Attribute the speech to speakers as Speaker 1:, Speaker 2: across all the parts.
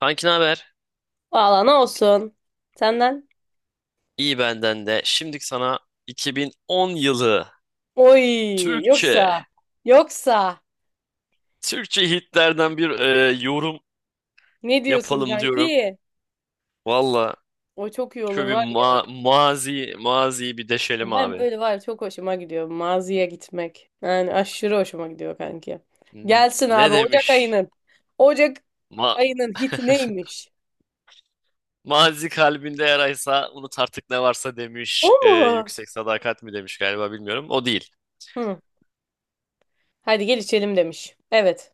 Speaker 1: Kanki ne haber?
Speaker 2: Valla ne olsun. Senden.
Speaker 1: İyi benden de. Şimdi sana 2010 yılı
Speaker 2: Oy yoksa
Speaker 1: Türkçe,
Speaker 2: yoksa
Speaker 1: Hitlerden bir yorum
Speaker 2: ne diyorsun
Speaker 1: yapalım diyorum.
Speaker 2: kanki?
Speaker 1: Valla
Speaker 2: O çok iyi olur
Speaker 1: şöyle bir
Speaker 2: var ya.
Speaker 1: maziyi bir deşelim
Speaker 2: Ben
Speaker 1: abi.
Speaker 2: böyle var ya, çok hoşuma gidiyor maziye gitmek. Yani aşırı hoşuma gidiyor kanki. Gelsin
Speaker 1: Ne
Speaker 2: abi Ocak
Speaker 1: demiş?
Speaker 2: ayının. Ocak
Speaker 1: Ma
Speaker 2: ayının hiti neymiş?
Speaker 1: mazi kalbinde yaraysa unut artık ne varsa
Speaker 2: O
Speaker 1: demiş.
Speaker 2: mu?
Speaker 1: Yüksek sadakat mi demiş galiba, bilmiyorum. O değil.
Speaker 2: Hı. Hadi gel içelim demiş. Evet.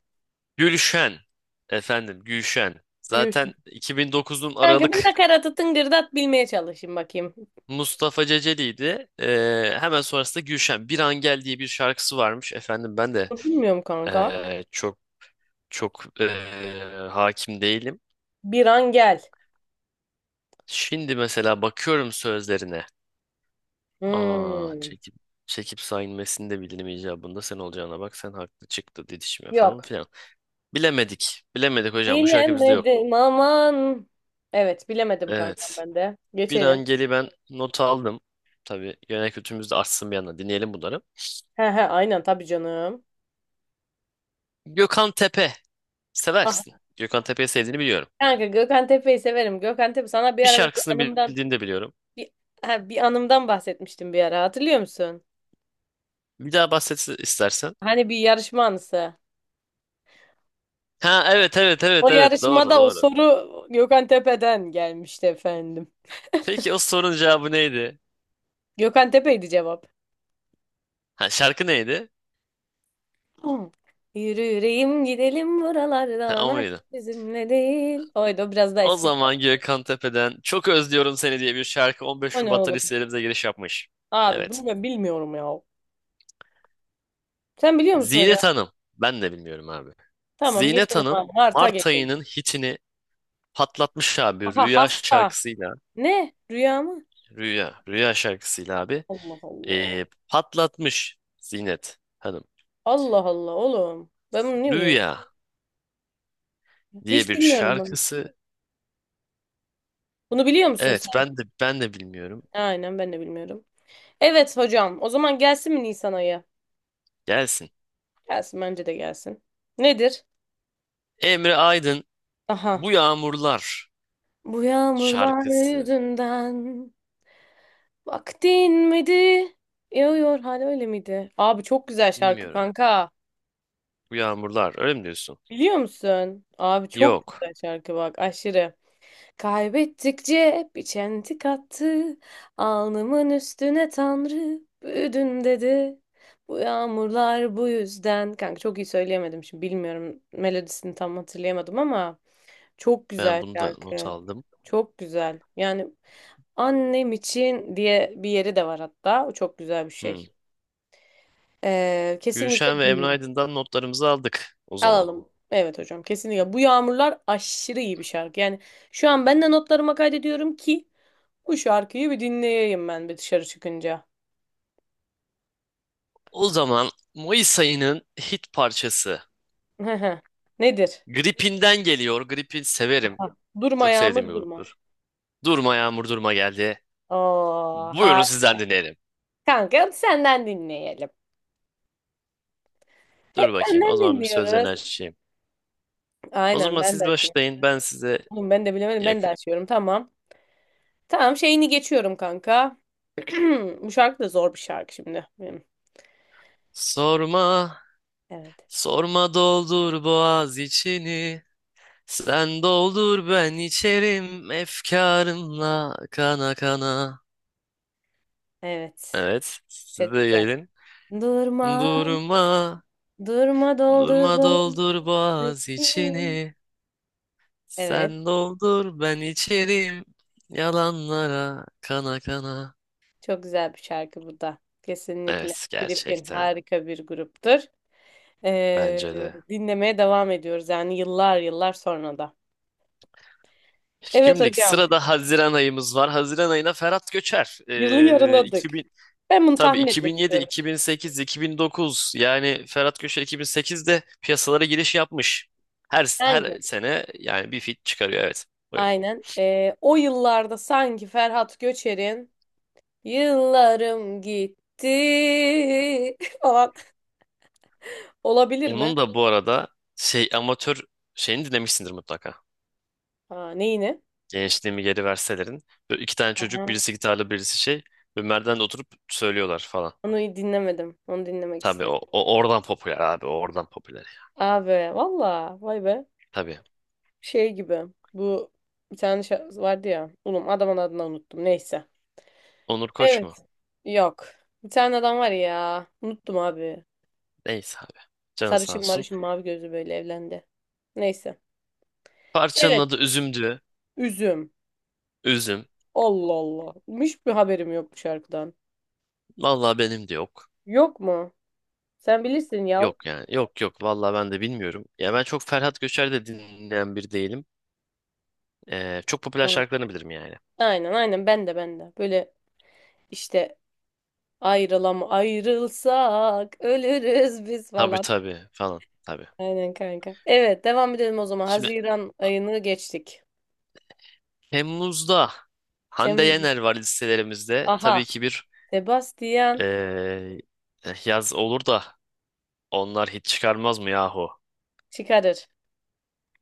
Speaker 1: Gülşen. Efendim Gülşen.
Speaker 2: Yürü.
Speaker 1: Zaten 2009'un
Speaker 2: Kanka bir
Speaker 1: Aralık
Speaker 2: nakaratı tıngırdat bilmeye çalışayım bakayım.
Speaker 1: Mustafa Ceceli'ydi. Hemen sonrasında Gülşen. Bir an gel diye bir şarkısı varmış. Efendim ben de
Speaker 2: Bilmiyorum kanka.
Speaker 1: çok çok ee, hakim değilim.
Speaker 2: Bir an gel.
Speaker 1: Şimdi mesela bakıyorum sözlerine.
Speaker 2: Hmm.
Speaker 1: Çekip çekip sayılmasını da bilirim icabında, sen olacağına bak, sen haklı çıktı, didişme falan
Speaker 2: Yok.
Speaker 1: filan. Bilemedik. Bilemedik hocam, bu şarkı bizde yok.
Speaker 2: Bilemedim aman. Evet bilemedim kankam
Speaker 1: Evet.
Speaker 2: ben de.
Speaker 1: Bir
Speaker 2: Geçelim.
Speaker 1: an geli ben not aldım. Tabii genel kültürümüz de artsın bir yandan. Dinleyelim bunları.
Speaker 2: He he aynen tabii canım.
Speaker 1: Gökhan Tepe. Seversin.
Speaker 2: Ah,
Speaker 1: Gökhan Tepe'yi sevdiğini biliyorum.
Speaker 2: kanka Gökhan Tepe'yi severim. Gökhan Tepe sana bir
Speaker 1: Bir
Speaker 2: ara böyle bir
Speaker 1: şarkısını
Speaker 2: anımdan
Speaker 1: bildiğini de biliyorum.
Speaker 2: bir, ha, bir anımdan bahsetmiştim bir ara hatırlıyor musun?
Speaker 1: Bir daha bahset istersen.
Speaker 2: Hani bir yarışma anısı.
Speaker 1: Ha evet evet
Speaker 2: O
Speaker 1: evet evet, doğru
Speaker 2: yarışmada o
Speaker 1: doğru.
Speaker 2: soru Gökhan Tepe'den gelmişti efendim.
Speaker 1: Peki o sorunun cevabı neydi?
Speaker 2: Gökhan Tepe'ydi cevap.
Speaker 1: Ha şarkı neydi?
Speaker 2: Hı. Yürü yüreğim gidelim
Speaker 1: Ha
Speaker 2: buralardan.
Speaker 1: o
Speaker 2: Ay,
Speaker 1: muydu?
Speaker 2: bizimle değil. Oydu, o biraz daha
Speaker 1: O
Speaker 2: eski bir
Speaker 1: zaman
Speaker 2: şarkı.
Speaker 1: Gökhan Tepe'den Çok Özlüyorum Seni diye bir şarkı 15
Speaker 2: O ne
Speaker 1: Şubat'ta
Speaker 2: oğlum?
Speaker 1: listelerimize giriş yapmış.
Speaker 2: Abi
Speaker 1: Evet.
Speaker 2: bunu ben bilmiyorum ya. Sen biliyor musun hocam?
Speaker 1: Zinet Hanım. Ben de bilmiyorum abi.
Speaker 2: Tamam
Speaker 1: Zinet
Speaker 2: geçelim
Speaker 1: Hanım
Speaker 2: abi. Mart'a
Speaker 1: Mart
Speaker 2: geçelim.
Speaker 1: ayının hitini patlatmış abi
Speaker 2: Aha
Speaker 1: Rüya
Speaker 2: hasta.
Speaker 1: şarkısıyla.
Speaker 2: Ne? Rüya mı?
Speaker 1: Rüya. Rüya şarkısıyla abi.
Speaker 2: Allah Allah.
Speaker 1: Patlatmış Zinet Hanım.
Speaker 2: Allah Allah oğlum. Ben bunu niye biliyorum?
Speaker 1: Rüya diye
Speaker 2: Hiç
Speaker 1: bir
Speaker 2: bilmiyorum ben.
Speaker 1: şarkısı.
Speaker 2: Bunu biliyor musun
Speaker 1: Evet,
Speaker 2: sen?
Speaker 1: ben de bilmiyorum.
Speaker 2: Aynen, ben de bilmiyorum. Evet hocam. O zaman gelsin mi Nisan ayı?
Speaker 1: Gelsin.
Speaker 2: Gelsin, bence de gelsin. Nedir?
Speaker 1: Emre Aydın
Speaker 2: Aha.
Speaker 1: Bu Yağmurlar
Speaker 2: Bu yağmurlar
Speaker 1: şarkısı.
Speaker 2: yüzünden vaktin miydi? Yağıyor hala öyle miydi? Abi çok güzel şarkı
Speaker 1: Bilmiyorum.
Speaker 2: kanka.
Speaker 1: Bu Yağmurlar öyle mi diyorsun?
Speaker 2: Biliyor musun? Abi çok
Speaker 1: Yok.
Speaker 2: güzel şarkı bak, aşırı. Kaybettikçe bir çentik attı. Alnımın üstüne Tanrı büyüdün dedi. Bu yağmurlar bu yüzden. Kanka çok iyi söyleyemedim şimdi, bilmiyorum, melodisini tam hatırlayamadım ama çok
Speaker 1: Ben
Speaker 2: güzel
Speaker 1: bunu da not
Speaker 2: şarkı.
Speaker 1: aldım.
Speaker 2: Çok güzel. Yani annem için diye bir yeri de var hatta. O çok güzel bir
Speaker 1: Hmm.
Speaker 2: şey. Kesinlikle
Speaker 1: Gülşen ve Emre
Speaker 2: dinle.
Speaker 1: Aydın'dan notlarımızı aldık o zaman.
Speaker 2: Alalım. Evet hocam kesinlikle. Bu yağmurlar aşırı iyi bir şarkı. Yani şu an ben de notlarıma kaydediyorum ki bu şarkıyı bir dinleyeyim ben bir dışarı çıkınca.
Speaker 1: O zaman Mayıs ayının hit parçası
Speaker 2: Nedir?
Speaker 1: Gripin'den geliyor. Gripin severim.
Speaker 2: Aha. Durma
Speaker 1: Çok sevdiğim bir
Speaker 2: yağmur durma.
Speaker 1: gruptur. Durma Yağmur Durma geldi.
Speaker 2: Oo,
Speaker 1: Buyurun
Speaker 2: ha.
Speaker 1: sizden dinleyelim.
Speaker 2: Kanka senden dinleyelim. Hep
Speaker 1: Dur bakayım. O
Speaker 2: benden
Speaker 1: zaman bir sözlerini
Speaker 2: dinliyoruz.
Speaker 1: açayım. O
Speaker 2: Aynen,
Speaker 1: zaman
Speaker 2: ben de
Speaker 1: siz
Speaker 2: açayım.
Speaker 1: başlayın. Ben size
Speaker 2: Oğlum ben de bilemedim, ben de
Speaker 1: yakın.
Speaker 2: açıyorum, tamam. Tamam şeyini geçiyorum kanka. Bu şarkı da zor bir şarkı şimdi benim.
Speaker 1: Sorma,
Speaker 2: Evet.
Speaker 1: sorma doldur boğaz içini. Sen doldur ben içerim efkarımla kana kana.
Speaker 2: Evet.
Speaker 1: Evet, siz
Speaker 2: Çok
Speaker 1: de
Speaker 2: güzel.
Speaker 1: yayılın.
Speaker 2: Durma,
Speaker 1: Durma,
Speaker 2: durma doldur
Speaker 1: durma
Speaker 2: bu
Speaker 1: doldur boğaz
Speaker 2: içini.
Speaker 1: içini.
Speaker 2: Evet.
Speaker 1: Sen doldur ben içerim yalanlara kana kana.
Speaker 2: Çok güzel bir şarkı bu da. Kesinlikle.
Speaker 1: Evet,
Speaker 2: Gripin
Speaker 1: gerçekten
Speaker 2: harika bir gruptur.
Speaker 1: bence de.
Speaker 2: Dinlemeye devam ediyoruz yani yıllar yıllar sonra da. Evet
Speaker 1: Şimdi
Speaker 2: hocam.
Speaker 1: sırada Haziran ayımız var. Haziran ayına Ferhat Göçer.
Speaker 2: Yılı yarıladık. Ben bunu
Speaker 1: Tabii
Speaker 2: tahmin etmek
Speaker 1: 2007,
Speaker 2: istiyorum.
Speaker 1: 2008, 2009 yani Ferhat Köşe 2008'de piyasalara giriş yapmış. Her
Speaker 2: Hangi?
Speaker 1: sene yani bir fit çıkarıyor, evet. Buyurun.
Speaker 2: Aynen. O yıllarda sanki Ferhat Göçer'in Yıllarım gitti falan olabilir mi?
Speaker 1: Onun da bu arada şey amatör şeyini dinlemişsindir mutlaka.
Speaker 2: Aa, neyini?
Speaker 1: Gençliğimi geri verselerin. Böyle iki tane çocuk,
Speaker 2: Aha,
Speaker 1: birisi gitarlı birisi şey. Böyle merdivende oturup söylüyorlar falan.
Speaker 2: onu dinlemedim. Onu dinlemek
Speaker 1: Tabii
Speaker 2: isterim.
Speaker 1: o oradan popüler abi, o oradan popüler.
Speaker 2: Abi valla vay be.
Speaker 1: Tabii.
Speaker 2: Şey gibi bu vardı ya. Oğlum adamın adını unuttum. Neyse.
Speaker 1: Onur Koç mu?
Speaker 2: Evet. Yok. Bir tane adam var ya. Unuttum abi.
Speaker 1: Neyse abi. Canı sağ
Speaker 2: Sarışın
Speaker 1: olsun.
Speaker 2: marışın mavi gözü böyle evlendi. Neyse.
Speaker 1: Parçanın
Speaker 2: Evet.
Speaker 1: adı Üzüm'dü.
Speaker 2: Üzüm.
Speaker 1: Üzüm.
Speaker 2: Allah Allah. Hiçbir haberim yok bu şarkıdan.
Speaker 1: Vallahi benim de yok.
Speaker 2: Yok mu? Sen bilirsin ya.
Speaker 1: Yok yani. Yok yok. Vallahi ben de bilmiyorum. Ya ben çok Ferhat Göçer de dinleyen bir değilim. Çok popüler
Speaker 2: Hı.
Speaker 1: şarkılarını bilirim yani.
Speaker 2: Aynen aynen ben de. Böyle işte ayrılam ayrılsak ölürüz biz
Speaker 1: Tabii
Speaker 2: falan.
Speaker 1: tabii falan. Tabii.
Speaker 2: Aynen kanka. Evet devam edelim o zaman.
Speaker 1: Şimdi
Speaker 2: Haziran ayını geçtik.
Speaker 1: Temmuz'da Hande
Speaker 2: Tem
Speaker 1: Yener var listelerimizde. Tabii
Speaker 2: Aha.
Speaker 1: ki bir
Speaker 2: Sebastian
Speaker 1: ee, yaz olur da onlar hiç çıkarmaz mı yahu?
Speaker 2: çıkarır.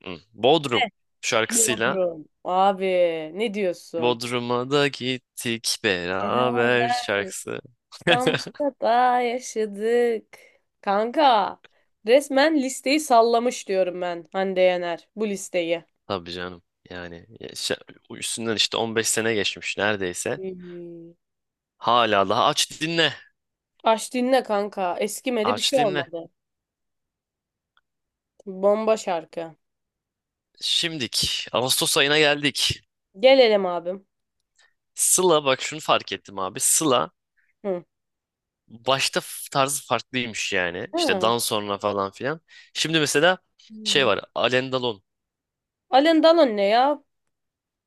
Speaker 1: Hı. Bodrum şarkısıyla,
Speaker 2: Bodrum. Abi ne diyorsun?
Speaker 1: Bodrum'a da gittik beraber
Speaker 2: Beraber
Speaker 1: şarkısı.
Speaker 2: İstanbul'da da yaşadık. Kanka resmen listeyi sallamış diyorum ben, Hande Yener bu listeyi.
Speaker 1: Tabii canım. Yani ya üstünden işte 15 sene geçmiş neredeyse.
Speaker 2: Hmm.
Speaker 1: Hala daha aç dinle.
Speaker 2: Aç dinle kanka. Eskimedi, bir
Speaker 1: Aç
Speaker 2: şey
Speaker 1: dinle.
Speaker 2: olmadı. Bomba şarkı.
Speaker 1: Şimdik. Ağustos ayına geldik.
Speaker 2: Gelelim abim.
Speaker 1: Sıla, bak şunu fark ettim abi. Sıla
Speaker 2: Hı.
Speaker 1: başta tarzı farklıymış yani. İşte
Speaker 2: Ha.
Speaker 1: dan sonra falan filan. Şimdi mesela şey
Speaker 2: Hmm.
Speaker 1: var. Alendalon.
Speaker 2: Alın dalın ne ya?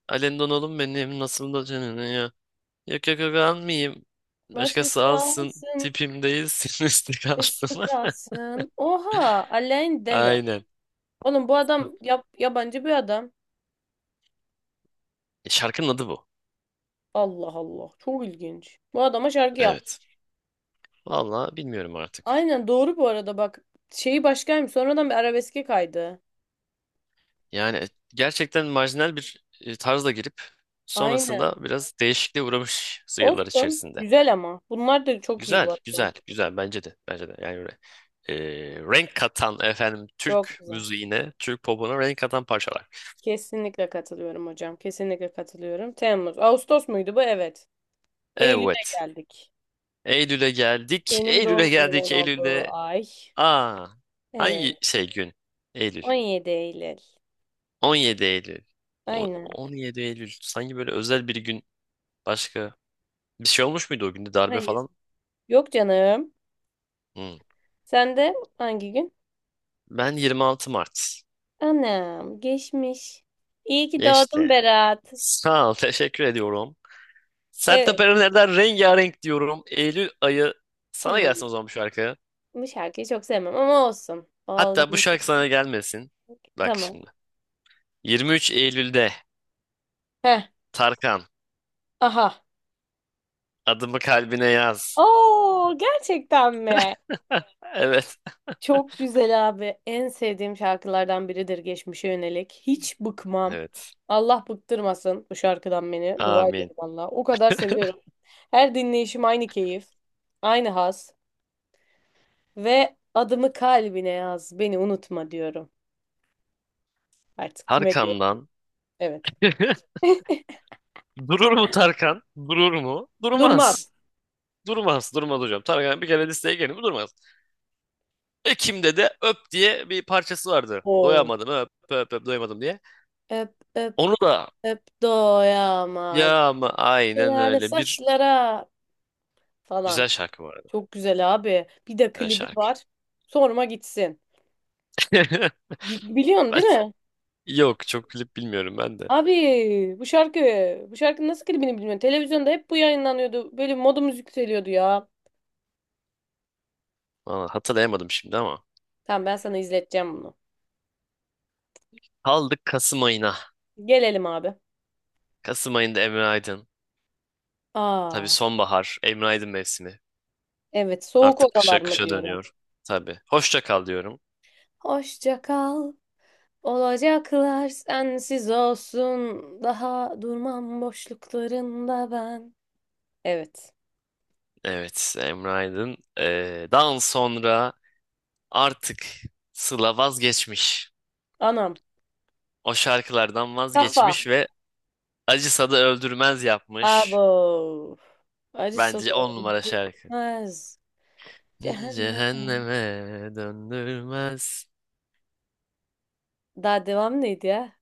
Speaker 1: Alendalon'um benim nasıl da canını ya. Yok yok yok, almayayım.
Speaker 2: Başkası
Speaker 1: Başkası alsın.
Speaker 2: alsın.
Speaker 1: Tipim değilsin. Üstü
Speaker 2: Üstü
Speaker 1: kalsın.
Speaker 2: kalsın. Oha, Alain Delon.
Speaker 1: Aynen.
Speaker 2: Oğlum bu adam yap, yabancı bir adam.
Speaker 1: E, şarkının adı bu.
Speaker 2: Allah Allah, çok ilginç. Bu adama şarkı yap.
Speaker 1: Evet. Vallahi bilmiyorum artık.
Speaker 2: Aynen doğru bu arada bak. Şeyi başkaymış. Sonradan bir arabeske kaydı.
Speaker 1: Yani gerçekten marjinal bir tarzla girip
Speaker 2: Aynen.
Speaker 1: sonrasında biraz değişikliğe uğramış yıllar
Speaker 2: Olsun.
Speaker 1: içerisinde.
Speaker 2: Güzel ama. Bunlar da çok iyi
Speaker 1: Güzel,
Speaker 2: bu arada.
Speaker 1: güzel, güzel, bence de. Bence de. Yani e, renk katan, efendim,
Speaker 2: Çok
Speaker 1: Türk
Speaker 2: güzel.
Speaker 1: müziğine, Türk popuna renk katan parçalar.
Speaker 2: Kesinlikle katılıyorum hocam. Kesinlikle katılıyorum. Temmuz. Ağustos muydu bu? Evet. Eylül'e
Speaker 1: Evet.
Speaker 2: geldik.
Speaker 1: Eylül'e geldik.
Speaker 2: Benim doğum
Speaker 1: Eylül'e
Speaker 2: günümün
Speaker 1: geldik.
Speaker 2: olduğu
Speaker 1: Eylül'de
Speaker 2: ay.
Speaker 1: aa hangi
Speaker 2: Evet.
Speaker 1: gün? Eylül.
Speaker 2: 17 Eylül.
Speaker 1: 17 Eylül.
Speaker 2: Aynen.
Speaker 1: 17 Eylül. Sanki böyle özel bir gün. Başka bir şey olmuş muydu o günde, darbe
Speaker 2: Hayır.
Speaker 1: falan?
Speaker 2: Yok canım.
Speaker 1: Hmm.
Speaker 2: Sen de hangi gün?
Speaker 1: Ben 26 Mart.
Speaker 2: Anam geçmiş. İyi ki doğdun
Speaker 1: Geçti.
Speaker 2: Berat.
Speaker 1: Sağ ol, teşekkür ediyorum. Sertab
Speaker 2: Evet.
Speaker 1: Erener'den rengarenk diyorum. Eylül ayı sana
Speaker 2: Hmm,
Speaker 1: gelsin o zaman bu şarkı.
Speaker 2: bu şarkıyı çok sevmem ama olsun. Oldum.
Speaker 1: Hatta bu şarkı sana gelmesin. Bak
Speaker 2: Tamam.
Speaker 1: şimdi. 23 Eylül'de
Speaker 2: Heh.
Speaker 1: Tarkan
Speaker 2: Aha.
Speaker 1: adımı kalbine yaz.
Speaker 2: Oo gerçekten mi?
Speaker 1: Evet.
Speaker 2: Çok güzel abi. En sevdiğim şarkılardan biridir geçmişe yönelik. Hiç bıkmam.
Speaker 1: Evet.
Speaker 2: Allah bıktırmasın bu şarkıdan beni. Dua
Speaker 1: Amin.
Speaker 2: ediyorum Allah. O kadar seviyorum. Her dinleyişim aynı keyif. Aynı haz. Ve adımı kalbine yaz, beni unutma diyorum. Artık kime diyorum?
Speaker 1: Tarkan'dan
Speaker 2: Evet.
Speaker 1: durur mu Tarkan? Durur mu?
Speaker 2: Durmaz.
Speaker 1: Durmaz. Durmaz. Durmaz hocam. Tarkan bir kere listeye gelin mi durmaz. Ekim'de de Öp diye bir parçası vardı.
Speaker 2: Oo.
Speaker 1: Doyamadım öp öp öp doyamadım diye.
Speaker 2: Öp öp
Speaker 1: Onu da...
Speaker 2: öp doyamadım.
Speaker 1: Ya ama aynen
Speaker 2: Şelale
Speaker 1: öyle. Bir
Speaker 2: saçlara
Speaker 1: güzel
Speaker 2: falan.
Speaker 1: şarkı bu arada.
Speaker 2: Çok güzel abi. Bir de
Speaker 1: Güzel
Speaker 2: klibi
Speaker 1: şarkı.
Speaker 2: var. Sorma gitsin. Bi- biliyorsun
Speaker 1: Ben
Speaker 2: değil mi?
Speaker 1: yok, çok klip bilmiyorum ben de.
Speaker 2: Abi bu şarkı, bu şarkının nasıl klibini bilmiyorum. Televizyonda hep bu yayınlanıyordu. Böyle modumuz yükseliyordu ya.
Speaker 1: Vallahi hatırlayamadım şimdi ama.
Speaker 2: Tamam ben sana izleteceğim bunu.
Speaker 1: Kaldık Kasım ayına.
Speaker 2: Gelelim abi.
Speaker 1: Kasım ayında Emre Aydın. Tabii
Speaker 2: Aa,
Speaker 1: sonbahar, Emre Aydın mevsimi.
Speaker 2: evet soğuk
Speaker 1: Artık kışa
Speaker 2: odalar mı
Speaker 1: kışa
Speaker 2: diyorum.
Speaker 1: dönüyor. Tabii. Hoşça kal diyorum.
Speaker 2: Hoşça kal. Olacaklar sensiz olsun. Daha durmam boşluklarında ben. Evet.
Speaker 1: Evet, Emre Aydın. Daha sonra artık Sıla vazgeçmiş.
Speaker 2: Anam.
Speaker 1: O şarkılardan
Speaker 2: Kafa.
Speaker 1: vazgeçmiş ve acısa da öldürmez yapmış.
Speaker 2: Abo. Acısı da
Speaker 1: Bence on numara şarkı.
Speaker 2: öldürmez. Cehennem.
Speaker 1: Cehenneme döndürmez,
Speaker 2: Daha devam neydi ya?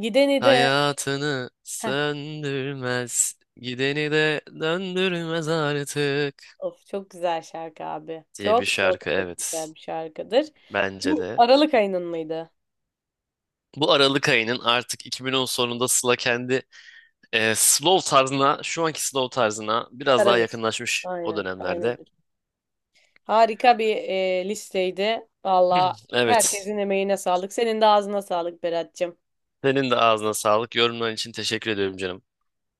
Speaker 2: Gideni de.
Speaker 1: hayatını
Speaker 2: Heh.
Speaker 1: söndürmez, gideni de döndürmez artık
Speaker 2: Of çok güzel şarkı abi.
Speaker 1: diye bir
Speaker 2: Çok çok
Speaker 1: şarkı,
Speaker 2: çok
Speaker 1: evet,
Speaker 2: güzel bir şarkıdır.
Speaker 1: bence
Speaker 2: Bu
Speaker 1: de.
Speaker 2: Aralık ayının mıydı?
Speaker 1: Bu Aralık ayının artık 2010 sonunda Sıla kendi slow tarzına, şu anki slow tarzına biraz daha
Speaker 2: Arabesk.
Speaker 1: yakınlaşmış o
Speaker 2: Aynen. Aynen.
Speaker 1: dönemlerde.
Speaker 2: Harika bir listeydi. Valla
Speaker 1: Evet,
Speaker 2: herkesin emeğine sağlık. Senin de ağzına sağlık Berat'cığım.
Speaker 1: senin de ağzına sağlık. Yorumların için teşekkür ediyorum canım.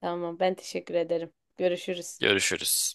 Speaker 2: Tamam ben teşekkür ederim. Görüşürüz.
Speaker 1: Görüşürüz.